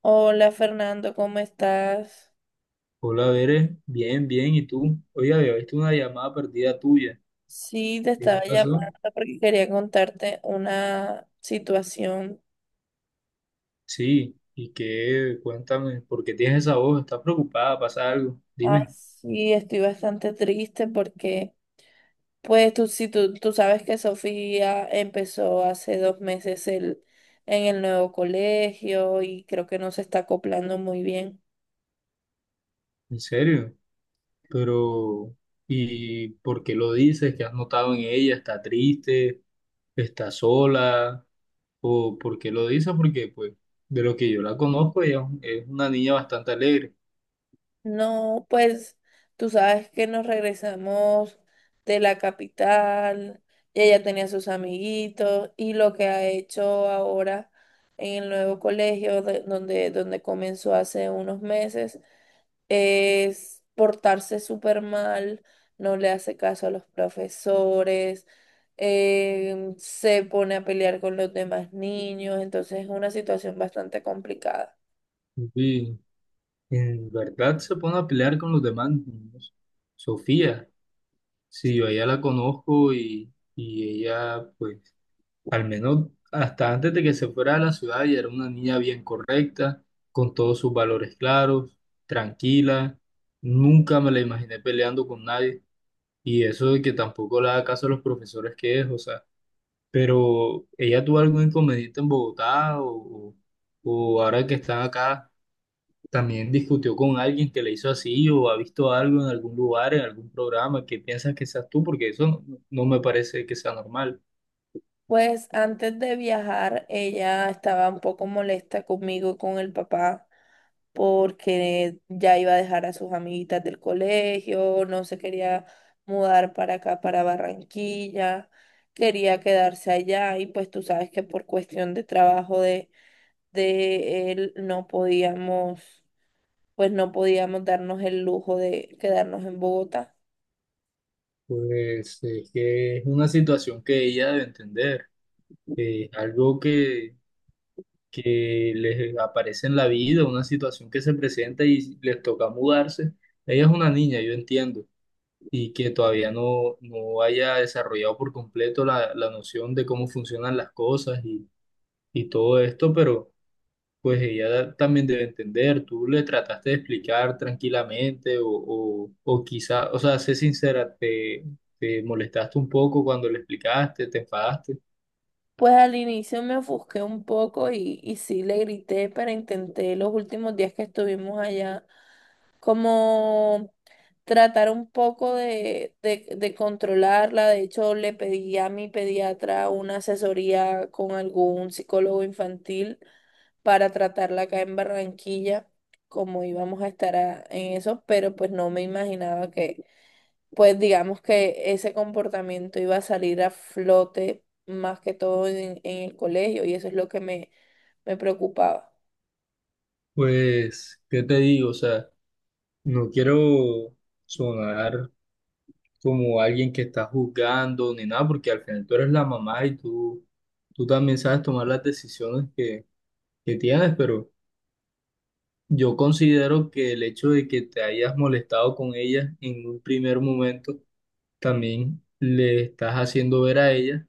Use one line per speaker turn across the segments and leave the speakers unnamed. Hola Fernando, ¿cómo estás?
Hola, Bere. Bien, bien. ¿Y tú? Oye, había visto una llamada perdida tuya.
Sí, te
¿Qué te
estaba
pasó?
llamando porque quería contarte una situación.
Sí. ¿Y qué? Cuéntame, ¿por qué tienes esa voz? ¿Estás preocupada? ¿Pasa algo?
Ah,
Dime,
sí, estoy bastante triste porque, pues tú, si tú, tú sabes que Sofía empezó hace 2 meses en el nuevo colegio y creo que no se está acoplando muy bien.
¿en serio? Pero, ¿y por qué lo dices? ¿Qué has notado en ella? ¿Está triste? ¿Está sola? ¿O por qué lo dices? Porque, pues, de lo que yo la conozco, ella es una niña bastante alegre.
No, pues tú sabes que nos regresamos de la capital y ella tenía sus amiguitos y lo que ha hecho ahora en el nuevo colegio donde comenzó hace unos meses es portarse súper mal, no le hace caso a los profesores, se pone a pelear con los demás niños, entonces es una situación bastante complicada.
Sí. ¿En verdad se pone a pelear con los demás niños? Sofía. Sí, yo a ella la conozco y ella, pues, al menos hasta antes de que se fuera a la ciudad, ella era una niña bien correcta, con todos sus valores claros, tranquila. Nunca me la imaginé peleando con nadie. Y eso de que tampoco le da caso a los profesores que es, o sea, pero ella tuvo algún inconveniente en Bogotá o ahora que están acá. También discutió con alguien que le hizo así o ha visto algo en algún lugar, en algún programa que piensas que seas tú, porque eso no, no me parece que sea normal.
Pues antes de viajar, ella estaba un poco molesta conmigo y con el papá porque ya iba a dejar a sus amiguitas del colegio, no se quería mudar para acá, para Barranquilla, quería quedarse allá y pues tú sabes que por cuestión de trabajo de él no podíamos, pues no podíamos darnos el lujo de quedarnos en Bogotá.
Pues es que es una situación que ella debe entender, que es algo que les aparece en la vida, una situación que se presenta y les toca mudarse. Ella es una niña, yo entiendo, y que todavía no haya desarrollado por completo la noción de cómo funcionan las cosas y todo esto, pero pues ella también debe entender. Tú le trataste de explicar tranquilamente o quizá, o sea, sé sincera, te molestaste un poco cuando le explicaste, te enfadaste.
Pues al inicio me ofusqué un poco y sí le grité, pero intenté los últimos días que estuvimos allá como tratar un poco de controlarla. De hecho, le pedí a mi pediatra una asesoría con algún psicólogo infantil para tratarla acá en Barranquilla, como íbamos a estar en eso, pero pues no me imaginaba que pues digamos que ese comportamiento iba a salir a flote más que todo en el colegio y eso es lo que me preocupaba.
Pues, ¿qué te digo? O sea, no quiero sonar como alguien que está juzgando ni nada, porque al final tú eres la mamá y tú también sabes tomar las decisiones que tienes, pero yo considero que el hecho de que te hayas molestado con ella en un primer momento también le estás haciendo ver a ella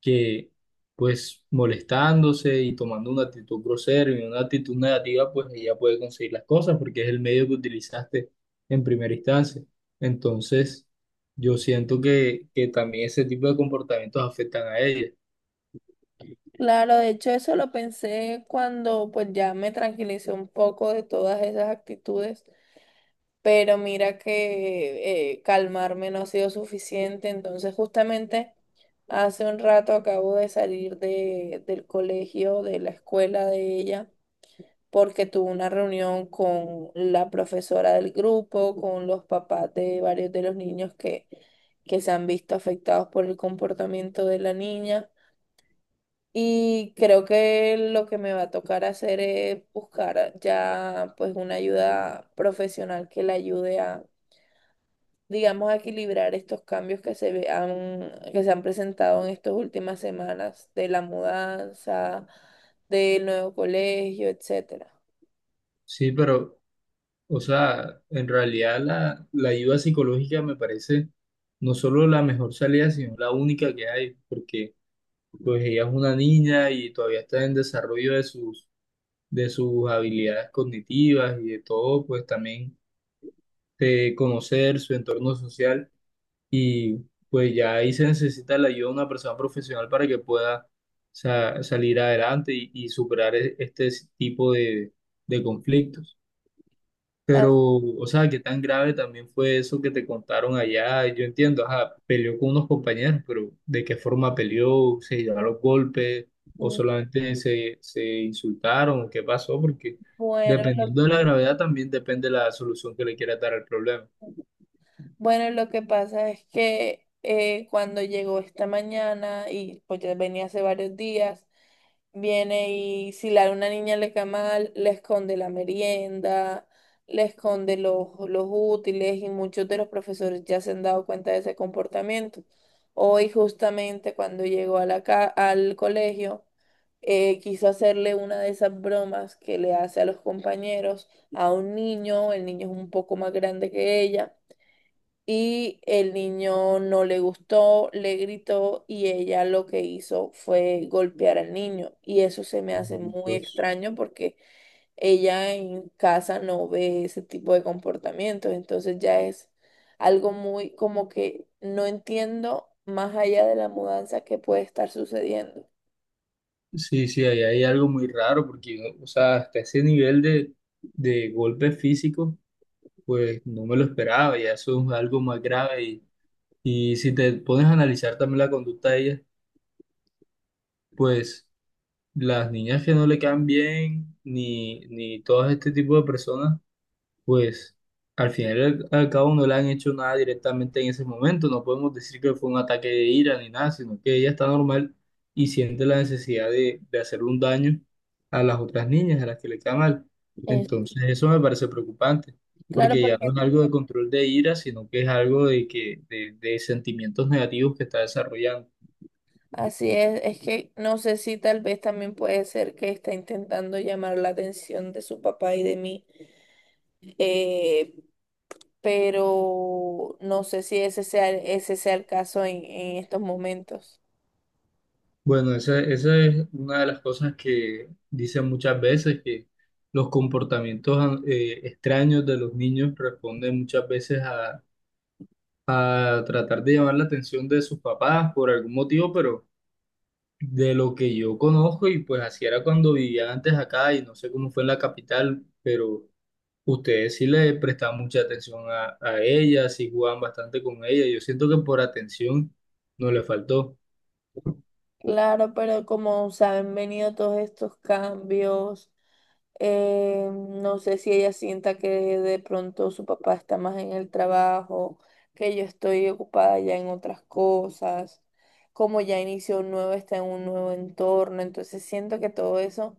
que, pues, molestándose y tomando una actitud grosera y una actitud negativa, pues ella puede conseguir las cosas porque es el medio que utilizaste en primera instancia. Entonces, yo siento que también ese tipo de comportamientos afectan a ella.
Claro, de hecho eso lo pensé cuando pues ya me tranquilicé un poco de todas esas actitudes, pero mira que calmarme no ha sido suficiente, entonces justamente hace un rato acabo de salir del colegio, de la escuela de ella. Porque tuvo una reunión con la profesora del grupo, con los papás de varios de los niños que se han visto afectados por el comportamiento de la niña. Y creo que lo que me va a tocar hacer es buscar ya pues una ayuda profesional que la ayude a, digamos, a equilibrar estos cambios que que se han presentado en estas últimas semanas de la mudanza, del nuevo colegio, etcétera.
Sí, pero, o sea, en realidad la ayuda psicológica me parece no solo la mejor salida, sino la única que hay, porque pues ella es una niña y todavía está en desarrollo de sus habilidades cognitivas y de todo, pues también de conocer su entorno social y pues ya ahí se necesita la ayuda de una persona profesional para que pueda salir adelante y superar este tipo de conflictos.
Ah,
Pero, o sea, qué tan grave también fue eso que te contaron allá. Yo entiendo, ajá, peleó con unos compañeros, pero ¿de qué forma peleó? ¿Se llevaron los golpes? ¿O solamente se insultaron? ¿Qué pasó? Porque
Bueno, lo,
dependiendo de la gravedad también depende la solución que le quieras dar al problema.
bueno, lo que pasa es que cuando llegó esta mañana y pues ya venía hace varios días, viene y si la, una niña le cae mal, le esconde la merienda, le esconde los útiles y muchos de los profesores ya se han dado cuenta de ese comportamiento. Hoy justamente cuando llegó a al colegio, quiso hacerle una de esas bromas que le hace a los compañeros, a un niño, el niño es un poco más grande que ella. Y el niño no le gustó, le gritó y ella lo que hizo fue golpear al niño. Y eso se me hace muy
Entonces,
extraño porque ella en casa no ve ese tipo de comportamientos. Entonces ya es algo muy como que no entiendo más allá de la mudanza que puede estar sucediendo.
sí, sí, ahí hay algo muy raro, porque, o sea, hasta ese nivel de golpes físicos, pues no me lo esperaba, ya eso es algo más grave. Y si te pones a analizar también la conducta de ellas, pues las niñas que no le quedan bien, ni, ni todo este tipo de personas, pues al final y al cabo no le han hecho nada directamente en ese momento. No podemos decir que fue un ataque de ira ni nada, sino que ella está normal y siente la necesidad de hacer un daño a las otras niñas, a las que le queda mal.
Es-
Entonces eso me parece preocupante,
claro,
porque ya
porque
no es algo de control de ira, sino que es algo de, que, de sentimientos negativos que está desarrollando.
así es que no sé si tal vez también puede ser que está intentando llamar la atención de su papá y de mí. eh, pero no sé si ese sea el caso en estos momentos.
Bueno, esa es una de las cosas que dicen muchas veces, que los comportamientos extraños de los niños responden muchas veces a tratar de llamar la atención de sus papás por algún motivo, pero de lo que yo conozco, y pues así era cuando vivía antes acá, y no sé cómo fue en la capital, pero ustedes sí le prestaban mucha atención a ella, sí jugaban bastante con ella, yo siento que por atención no le faltó.
Claro, pero como se han venido todos estos cambios, no sé si ella sienta que de pronto su papá está más en el trabajo, que yo estoy ocupada ya en otras cosas, como ya inició un nuevo, está en un nuevo entorno, entonces siento que todo eso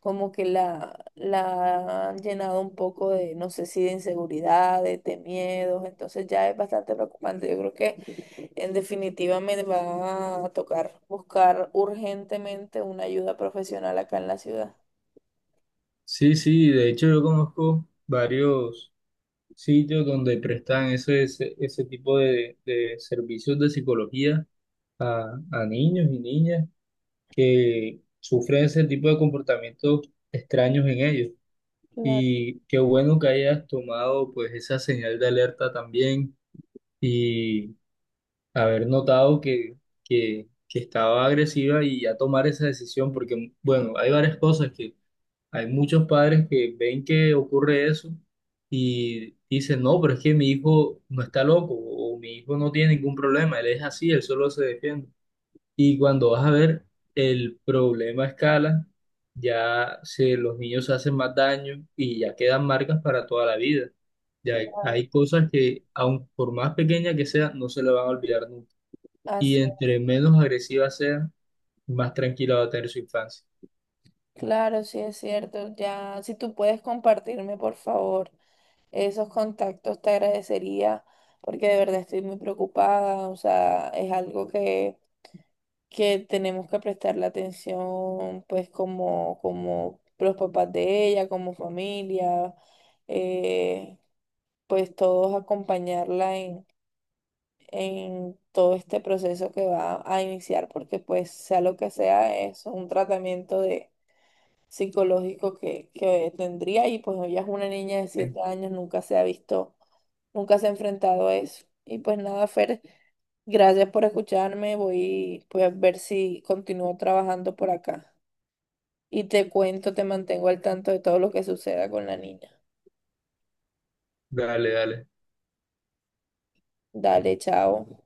como que la han llenado un poco de, no sé si de inseguridades, de miedos, entonces ya es bastante preocupante. Yo creo que en definitiva me va a tocar buscar urgentemente una ayuda profesional acá en la ciudad.
Sí, sí, de hecho yo conozco varios sitios donde prestan ese, ese, ese tipo de servicios de psicología a niños y niñas que sufren ese tipo de comportamientos extraños en ellos.
Claro,
Y qué bueno que hayas tomado pues esa señal de alerta también y haber notado que estaba agresiva y ya tomar esa decisión, porque bueno, hay varias cosas, hay muchos padres que ven que ocurre eso y dicen, no, pero es que mi hijo no está loco o mi hijo no tiene ningún problema, él es así, él solo se defiende. Y cuando vas a ver el problema a escala, ya se, los niños se hacen más daño y ya quedan marcas para toda la vida. Ya hay,
claro.
hay cosas que, aun por más pequeña que sea, no se le van a olvidar nunca. Y
Así,
entre menos agresiva sea, más tranquila va a tener su infancia.
claro, sí es cierto. Ya, si tú puedes compartirme, por favor, esos contactos, te agradecería, porque de verdad estoy muy preocupada. O sea, es algo que tenemos que prestarle atención, pues como, como los papás de ella, como familia, eh, pues todos acompañarla en todo este proceso que va a iniciar, porque pues sea lo que sea, es un tratamiento de psicológico que tendría y pues ella es una niña de 7 años, nunca se ha visto, nunca se ha enfrentado a eso. Y pues nada, Fer. Gracias por escucharme. Voy a ver si continúo trabajando por acá. Y te cuento, te mantengo al tanto de todo lo que suceda con la niña.
Dale, dale.
Dale, chao.